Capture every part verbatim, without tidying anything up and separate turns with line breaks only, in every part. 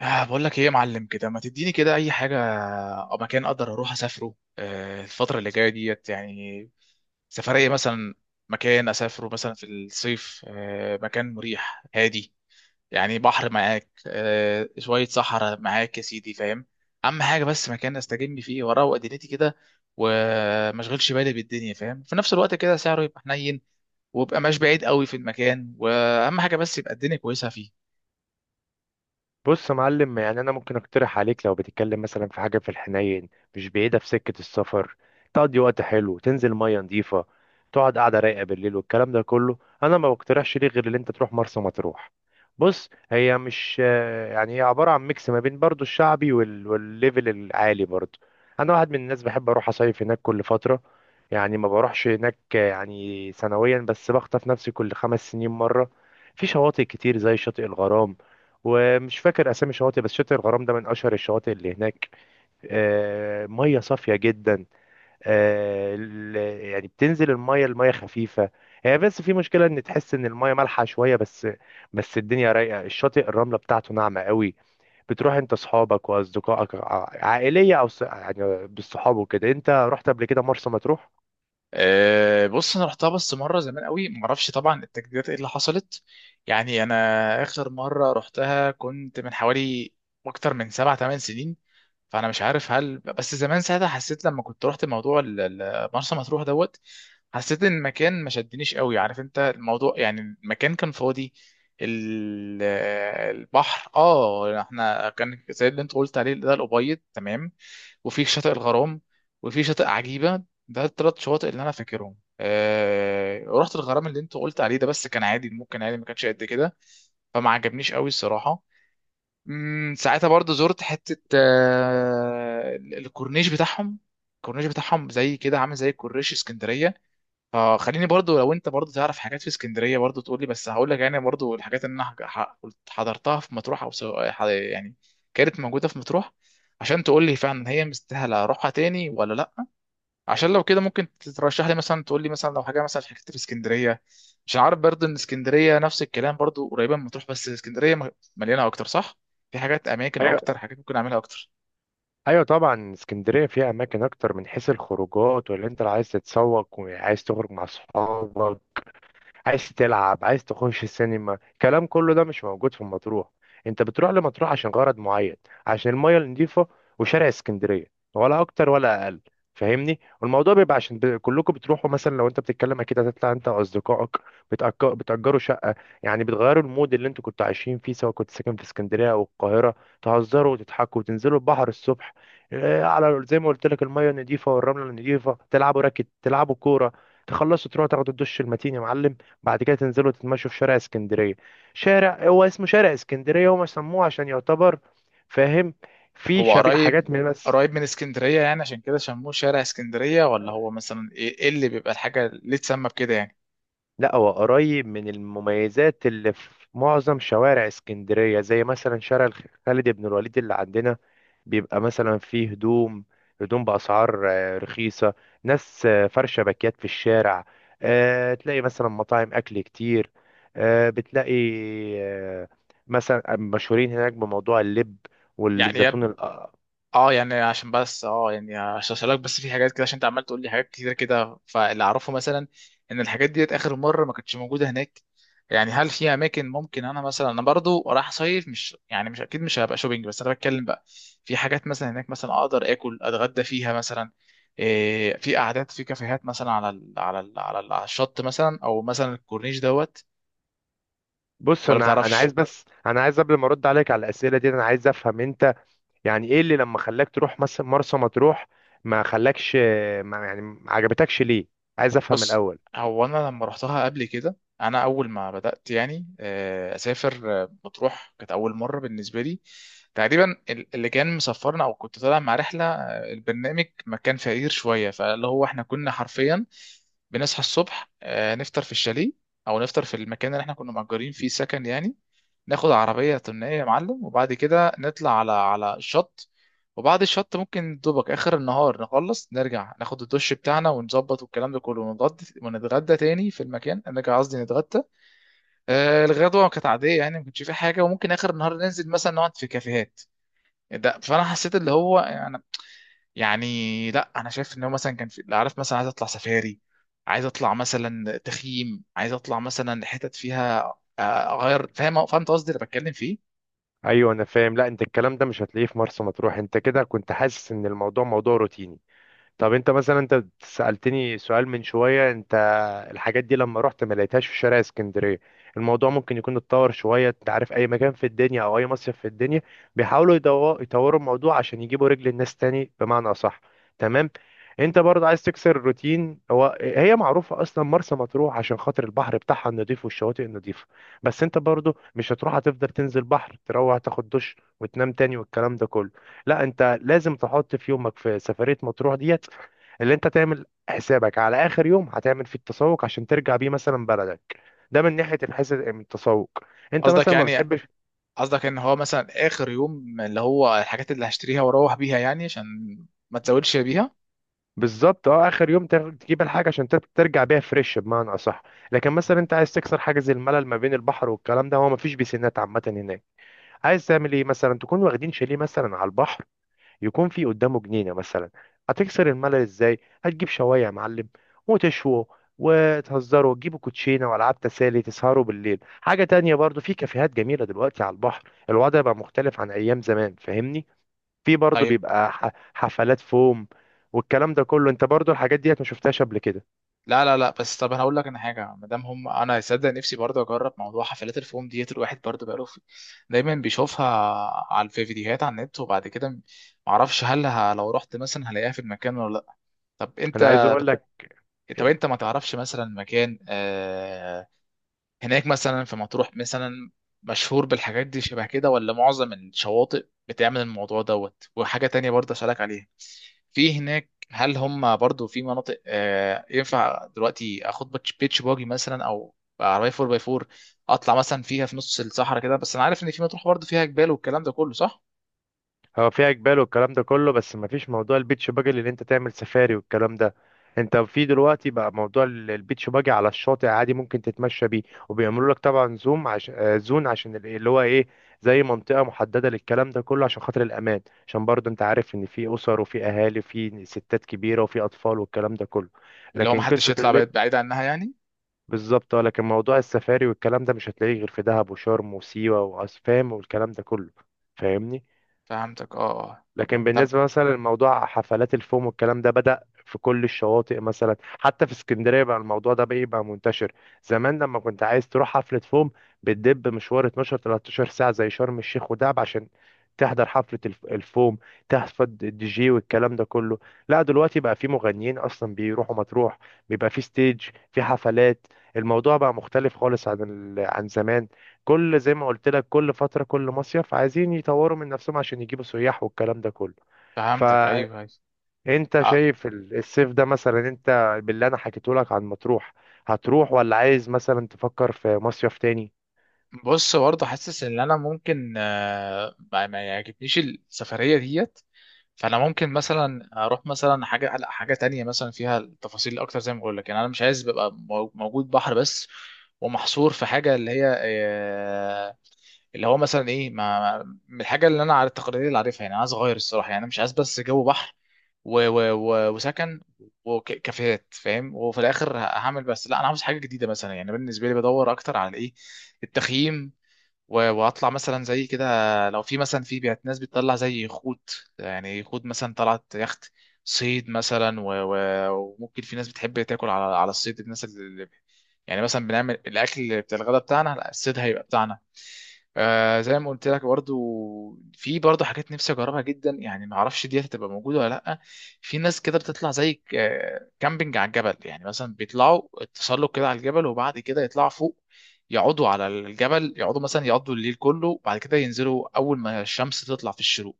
آه بقول لك ايه يا معلم كده، ما تديني كده اي حاجه او مكان اقدر اروح اسافره، آه الفتره اللي جايه ديت يعني، سفريه مثلا. مكان اسافره مثلا في الصيف، آه مكان مريح هادي، يعني بحر معاك، آه شويه صحراء معاك، يا سيدي، فاهم. اهم حاجه بس مكان استجم فيه واروق دنيتي كده، وما اشغلش بالي بالدنيا، فاهم، في نفس الوقت كده سعره يبقى حنين، ويبقى مش بعيد قوي في المكان، واهم حاجه بس يبقى الدنيا كويسه فيه.
بص يا معلم، يعني انا ممكن اقترح عليك لو بتتكلم مثلا في حاجه في الحنين، مش بعيده في سكه السفر، تقضي وقت حلو، تنزل ميه نظيفه، تقعد قاعده رايقه بالليل والكلام ده كله. انا ما بقترحش ليه غير ان انت تروح مرسى مطروح. بص، هي مش آه، يعني هي عباره عن ميكس ما بين برضو الشعبي وال... والليفل العالي برضو. انا واحد من الناس بحب اروح اصيف هناك كل فتره، يعني ما بروحش هناك آه، يعني سنويا، بس بخطف نفسي كل خمس سنين مره. في شواطئ كتير زي شاطئ الغرام، ومش فاكر اسامي شواطئ بس شاطئ الغرام ده من اشهر الشواطئ اللي هناك. آه، ميه صافيه جدا. آه، ال- يعني بتنزل الميه الميه خفيفه. هي بس في مشكله ان تحس ان الميه مالحه شويه بس، بس الدنيا رايقه، الشاطئ الرمله بتاعته ناعمه قوي. بتروح انت اصحابك واصدقائك ع- عائليه او ص- يعني بالصحاب وكده. انت رحت قبل كده مرسى مطروح؟
أه، بص انا رحتها بس مره زمان قوي، ما اعرفش طبعا التجديدات ايه اللي حصلت. يعني انا اخر مره رحتها كنت من حوالي اكتر من سبع ثمان سنين. فانا مش عارف، هل بس زمان ساعتها حسيت لما كنت رحت موضوع ال- ال- مرسى مطروح دوت، حسيت ان المكان ما شدنيش قوي. عارف انت الموضوع، يعني المكان كان فاضي. ال- البحر اه احنا كان زي اللي انت قلت عليه ده، الابيض تمام. وفي شاطئ الغرام، وفي شاطئ عجيبه، ده الثلاث شواطئ اللي انا فاكرهم. أه... رحت الغرام اللي انت قلت عليه ده بس كان عادي، ممكن عادي، ما كانش قد كده. فما عجبنيش قوي الصراحه. امم ساعتها برضو زرت حتة، آه، الكورنيش بتاعهم. الكورنيش بتاعهم زي كده عامل زي كورنيش اسكندرية. فخليني برضو لو انت برضو تعرف حاجات في اسكندرية برضو تقولي، بس هقول لك يعني برضو الحاجات اللي انا ح- ح- قلت- حضرتها في مطروح، او سواء ح- يعني كانت موجودة في مطروح، عشان تقولي فعلا هي مستاهلة اروحها تاني ولا لا. عشان لو كده ممكن ترشح لي مثلا، تقول لي مثلا لو حاجه مثلا حكيت في اسكندريه. مش عارف برضه ان اسكندريه نفس الكلام برضه، قريبه من مطروح، بس اسكندريه م- مليانه اكتر، صح؟ في حاجات، اماكن اكتر،
ايوه.
حاجات ممكن اعملها اكتر.
ايوه طبعا، اسكندريه فيها اماكن اكتر من حيث الخروجات، ولا انت اللي عايز تتسوق وعايز تخرج مع اصحابك، عايز تلعب، عايز تخش السينما، الكلام كله ده مش موجود في مطروح. انت بتروح لمطروح عشان غرض معين: عشان المية النظيفة وشارع اسكندرية، ولا اكتر ولا اقل. فاهمني؟ والموضوع بيبقى عشان ب... كلكم بتروحوا. مثلا لو انت بتتكلم، اكيد هتطلع انت واصدقائك، بتأك... بتأجروا شقة، يعني بتغيروا المود اللي انتوا كنتوا عايشين فيه، سواء كنت ساكن في اسكندرية او القاهرة. تهزروا وتضحكوا وتنزلوا البحر الصبح، اه، على زي ما قلت لك، المية النظيفة والرملة النظيفة، تلعبوا راكت، تلعبوا كورة، تخلصوا تروحوا تاخدوا الدش المتين يا معلم. بعد كده تنزلوا تتمشوا في شارع اسكندرية. شارع هو اسمه شارع اسكندرية، هم سموه عشان يعتبر، فاهم، في
هو
شبيه
قريب،
حاجات من، بس
قريب من اسكندريه يعني عشان كده سموه شارع اسكندريه، ولا هو مثلا ايه، إيه اللي بيبقى الحاجه ليه تسمى بكده يعني؟
لا، هو قريب من المميزات اللي في معظم شوارع اسكندرية، زي مثلا شارع الخ- خالد بن الوليد اللي عندنا. بيبقى مثلا فيه هدوم هدوم بأسعار آه، رخيصة، ناس آه، فرشة باكيات في الشارع، آه، تلاقي مثلا مطاعم أكل كتير، آه، بتلاقي آه، مثلا مشهورين هناك بموضوع اللب
يعني
والزيتون الأ-
اه يعني عشان بس اه يعني عشان اسالك، بس في حاجات كده عشان انت عمال تقول لي حاجات كتير كده. فاللي اعرفه مثلا ان الحاجات ديت اخر مره ما كانتش موجوده هناك. يعني هل في اماكن، ممكن انا مثلا انا برضو رايح صيف، مش يعني مش اكيد مش هبقى شوبينج بس، انا بتكلم بقى. في حاجات مثلا هناك مثلا اقدر اكل اتغدى فيها مثلا. إيه، في قعدات في كافيهات مثلا على ال على ال على, ال على الشط مثلا، او مثلا الكورنيش دوت،
بص،
ولا
انا انا عايز
بتعرفش؟
بس انا عايز قبل ما ارد عليك على الاسئله دي انا عايز افهم انت يعني ايه اللي لما خلاك تروح مثلا مرسى مطروح ما خلاكش ما يعني ما عجبتكش ليه عايز افهم
بص،
الاول
هو انا لما رحتها قبل كده، انا اول ما بدات يعني آه، اسافر، آه، مطروح كانت اول مره بالنسبه لي. تقريبا ال- اللي كان مسافرنا او كنت طالع مع رحله، آه، البرنامج ما كان فقير شويه، فاللي هو احنا كنا حرفيا بنصحى الصبح، آه، نفطر في الشاليه او نفطر في المكان اللي احنا كنا مأجرين فيه سكن يعني. ناخد عربية طنية يا معلم، وبعد كده نطلع على على الشط. وبعد الشط ممكن دوبك آخر النهار نخلص نرجع، ناخد الدش بتاعنا ونظبط والكلام ده كله، ونتغدى، ونتغدى تاني في المكان، نرجع قصدي نتغدى. آه الغدوة كانت عادية يعني ما كانش في حاجة، وممكن آخر النهار ننزل مثلا نقعد في كافيهات. ده فأنا حسيت اللي هو يعني، يعني لا أنا شايف إن هو مثلا كان في، عارف مثلا عايز أطلع سفاري، عايز أطلع مثلا تخييم، عايز أطلع مثلا حتت فيها آه، أغير، فاهم، فهمت قصدي اللي بتكلم فيه.
ايوه انا فاهم لا انت الكلام ده مش هتلاقيه في مرسى مطروح انت كده كنت حاسس ان الموضوع موضوع روتيني طب انت مثلا انت سألتني سؤال من شوية انت الحاجات دي لما رحت ما لقيتهاش في شارع اسكندرية الموضوع ممكن يكون اتطور شوية انت عارف اي مكان في الدنيا او اي مصيف في الدنيا بيحاولوا يدو- يطوروا الموضوع عشان يجيبوا رجل الناس تاني، بمعنى اصح. تمام؟ انت برضه عايز تكسر الروتين. هو هي معروفة اصلا مرسى مطروح عشان خاطر البحر بتاعها النضيف والشواطئ النضيفة، بس انت برضه مش هتروح هتفضل تنزل بحر تروح تاخد دش وتنام تاني والكلام ده كله. لا، انت لازم تحط في يومك في سفرية مطروح دي اللي انت تعمل حسابك على اخر يوم هتعمل فيه التسوق عشان ترجع بيه مثلا بلدك. ده من ناحيه الحساب من التسوق. انت
قصدك
مثلا ما
يعني
بتحبش،
قصدك ان هو مثلا اخر يوم اللي هو الحاجات اللي هشتريها واروح بيها يعني عشان ما تزودش بيها.
بالظبط اه، اخر يوم تاخد- تجيب الحاجه عشان تر- ترجع بيها فريش، بمعنى اصح. لكن مثلا انت عايز تكسر حاجز الملل ما بين البحر والكلام ده. هو ما فيش بيسينات عامه هناك، عايز تعمل ايه؟ مثلا تكون واخدين شاليه مثلا على البحر، يكون في قدامه جنينة مثلا. هتكسر الملل ازاي؟ هتجيب شواية يا معلم وتشووا وتهزروا وتجيبوا كوتشينة وألعاب تسالي، تسهروا بالليل. حاجة تانية، برضو في كافيهات جميلة دلوقتي على البحر. الوضع بقى مختلف عن أيام زمان، فاهمني. في برضو
طيب.
بيبقى ح- حفلات فوم والكلام ده كله. انت برضو الحاجات ديت ما شفتهاش قبل كده؟
لا لا لا، بس طب انا هقول لك انا حاجه، ما دام هم، انا صدق نفسي برضه اجرب موضوع حفلات الفوم ديت. الواحد برضه بقاله في... دايما بيشوفها على في فيديوهات على النت، وبعد كده ما اعرفش هل ه... لو رحت مثلا هلاقيها في المكان ولا لا. طب
انا عايز
انت
اقول لك.
طب انت ما تعرفش مثلا مكان، آه، هناك مثلا في مطروح مثلا مشهور بالحاجات دي شبه كده، ولا معظم الشواطئ بتعمل الموضوع دوت؟ وحاجة تانية برضه أسألك عليها، في هناك هل هم برضه في مناطق، آه، ينفع دلوقتي اخد بيتش بيتش باجي مثلا، او عربية أربعة باي أربعة اطلع مثلا فيها في نص الصحراء كده؟ بس انا عارف ان في مطروح برضه فيها جبال والكلام ده كله، صح؟
هو فيها جبال والكلام ده كله، بس مفيش موضوع البيتش باجي اللي انت تعمل سفاري والكلام ده. انت في دلوقتي بقى موضوع ال- البيتش باجي على الشاطئ عادي، ممكن تتمشى بيه، وبيعملوا لك طبعا زوم عشان آه، زون، عشان ال- اللي هو ايه زي منطقة محددة للكلام ده كله عشان خاطر الأمان. عشان برضه انت عارف ان في أسر وفي أهالي وفي ستات كبيرة وفي أطفال والكلام ده كله.
اللي هو
لكن
محدش
قصة
يطلع
اللي،
بعيد بعيد عنها يعني.
بالظبط اه. لكن موضوع السفاري والكلام ده مش هتلاقيه غير في دهب وشرم وسيوة وأسفام والكلام ده كله، فاهمني.
فهمتك اه آه.
لكن
طب
بالنسبة مثلا لموضوع حفلات الفوم والكلام ده، بدأ في كل الشواطئ، مثلا حتى في اسكندرية بقى الموضوع ده بقى يبقى منتشر. زمان لما كنت عايز تروح حفلة فوم، بتدب مشوار اتناشر تلتاشر ساعة زي شرم الشيخ ودهب عشان تحضر حفلة الف- الفوم، تحفظ الدي جي والكلام ده كله. لا دلوقتي بقى في مغنيين أصلا بيروحوا مطروح، بيبقى في ستيج، في حفلات. الموضوع بقى مختلف خالص عن ال- عن زمان. كل، زي ما قلت لك، كل فترة كل مصيف عايزين يطوروا من نفسهم عشان يجيبوا سياح والكلام ده كله.
فهمتك
فانت
ايوه ايوه. آه،
شايف ال- الصيف ده مثلا؟ انت باللي انا حكيته لك عن مطروح، هتروح ولا عايز مثلا تفكر في مصيف تاني؟
بص برضه حاسس ان انا ممكن، آه، ما ما يعجبنيش السفريه ديت. فانا ممكن مثلا اروح مثلا حاجه لا حاجه تانية مثلا فيها التفاصيل اكتر. زي ما بقول لك يعني انا مش عايز ببقى مو- موجود بحر بس، ومحصور في حاجه اللي هي آه، اللي هو مثلا ايه ما ما- من الحاجه اللي انا على التقارير اللي عارفها يعني. أنا عايز اغير الصراحه، يعني أنا مش عايز بس جو بحر و و و وسكن وكافيهات، فاهم، وفي الاخر هعمل بس. لا انا عاوز حاجه جديده مثلا، يعني بالنسبه لي بدور اكتر على ايه، التخييم و- واطلع مثلا زي كده، لو في مثلا في بيت ناس بتطلع زي يخوت، يعني يخوت مثلا طلعت يخت، صيد مثلا و... و... وممكن في ناس بتحب تاكل على على الصيد، الناس اللي يعني مثلا بنعمل الاكل بتاع الغداء بتاعنا لا، الصيد هيبقى بتاعنا. آه زي ما قلت لك برضو، في برضو حاجات نفسي اجربها جدا، يعني ما اعرفش دي هتبقى موجوده ولا لا. في ناس كده بتطلع زي ك- آه، كامبينج على الجبل، يعني مثلا بيطلعوا تسلق كده على الجبل وبعد كده يطلعوا فوق، يقعدوا على الجبل، يقعدوا مثلا يقعدوا الليل كله، وبعد كده ينزلوا اول ما الشمس تطلع في الشروق.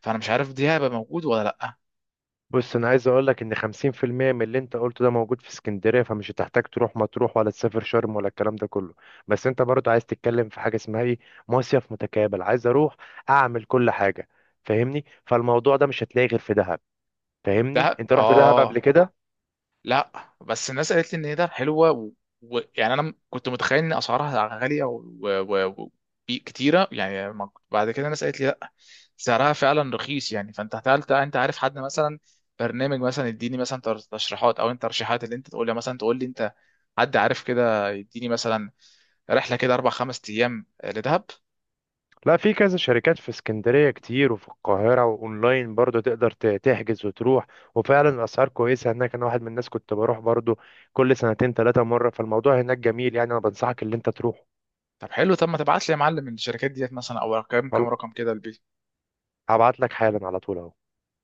فانا مش عارف دي هيبقى موجود ولا لا.
بص، انا عايز اقول لك ان خمسين في المية من اللي انت قلته ده موجود في اسكندرية، فمش هتحتاج تروح مطروح ولا تسافر شرم ولا الكلام ده كله. بس انت برضه عايز تتكلم في حاجة اسمها ايه؟ مصيف متكامل، عايز اروح اعمل كل حاجة، فاهمني. فالموضوع ده مش هتلاقيه غير في دهب. فاهمني؟
دهب
انت رحت دهب قبل
اه،
كده؟
لا بس الناس قالت لي ان هي ده حلوه ويعني، و... و- يعني انا م- كنت متخيل ان اسعارها غاليه و... و... و... في- كتيره يعني ما- بعد كده الناس قالت لي لا سعرها فعلا رخيص يعني. فانت هتقلت انت عارف حد مثلا برنامج مثلا يديني مثلا تر- تشريحات، او انت ترشيحات اللي انت تقول لي مثلا، تقول لي انت حد عارف كده يديني مثلا رحله كده اربع خمس ايام لدهب.
لا، في كذا شركات في اسكندرية كتير وفي القاهرة، وأونلاين برضو تقدر ت- تحجز وتروح، وفعلا الأسعار كويسة هناك. أنا واحد من الناس كنت بروح برضو كل سنتين تلاتة مرة. فالموضوع هناك جميل، يعني أنا بنصحك اللي أنت تروح.
طب حلو، طب ما تبعت لي يا معلم الشركات ديت مثلا، او كام كام رقم كده؟
هبعت لك حالا على طول أهو.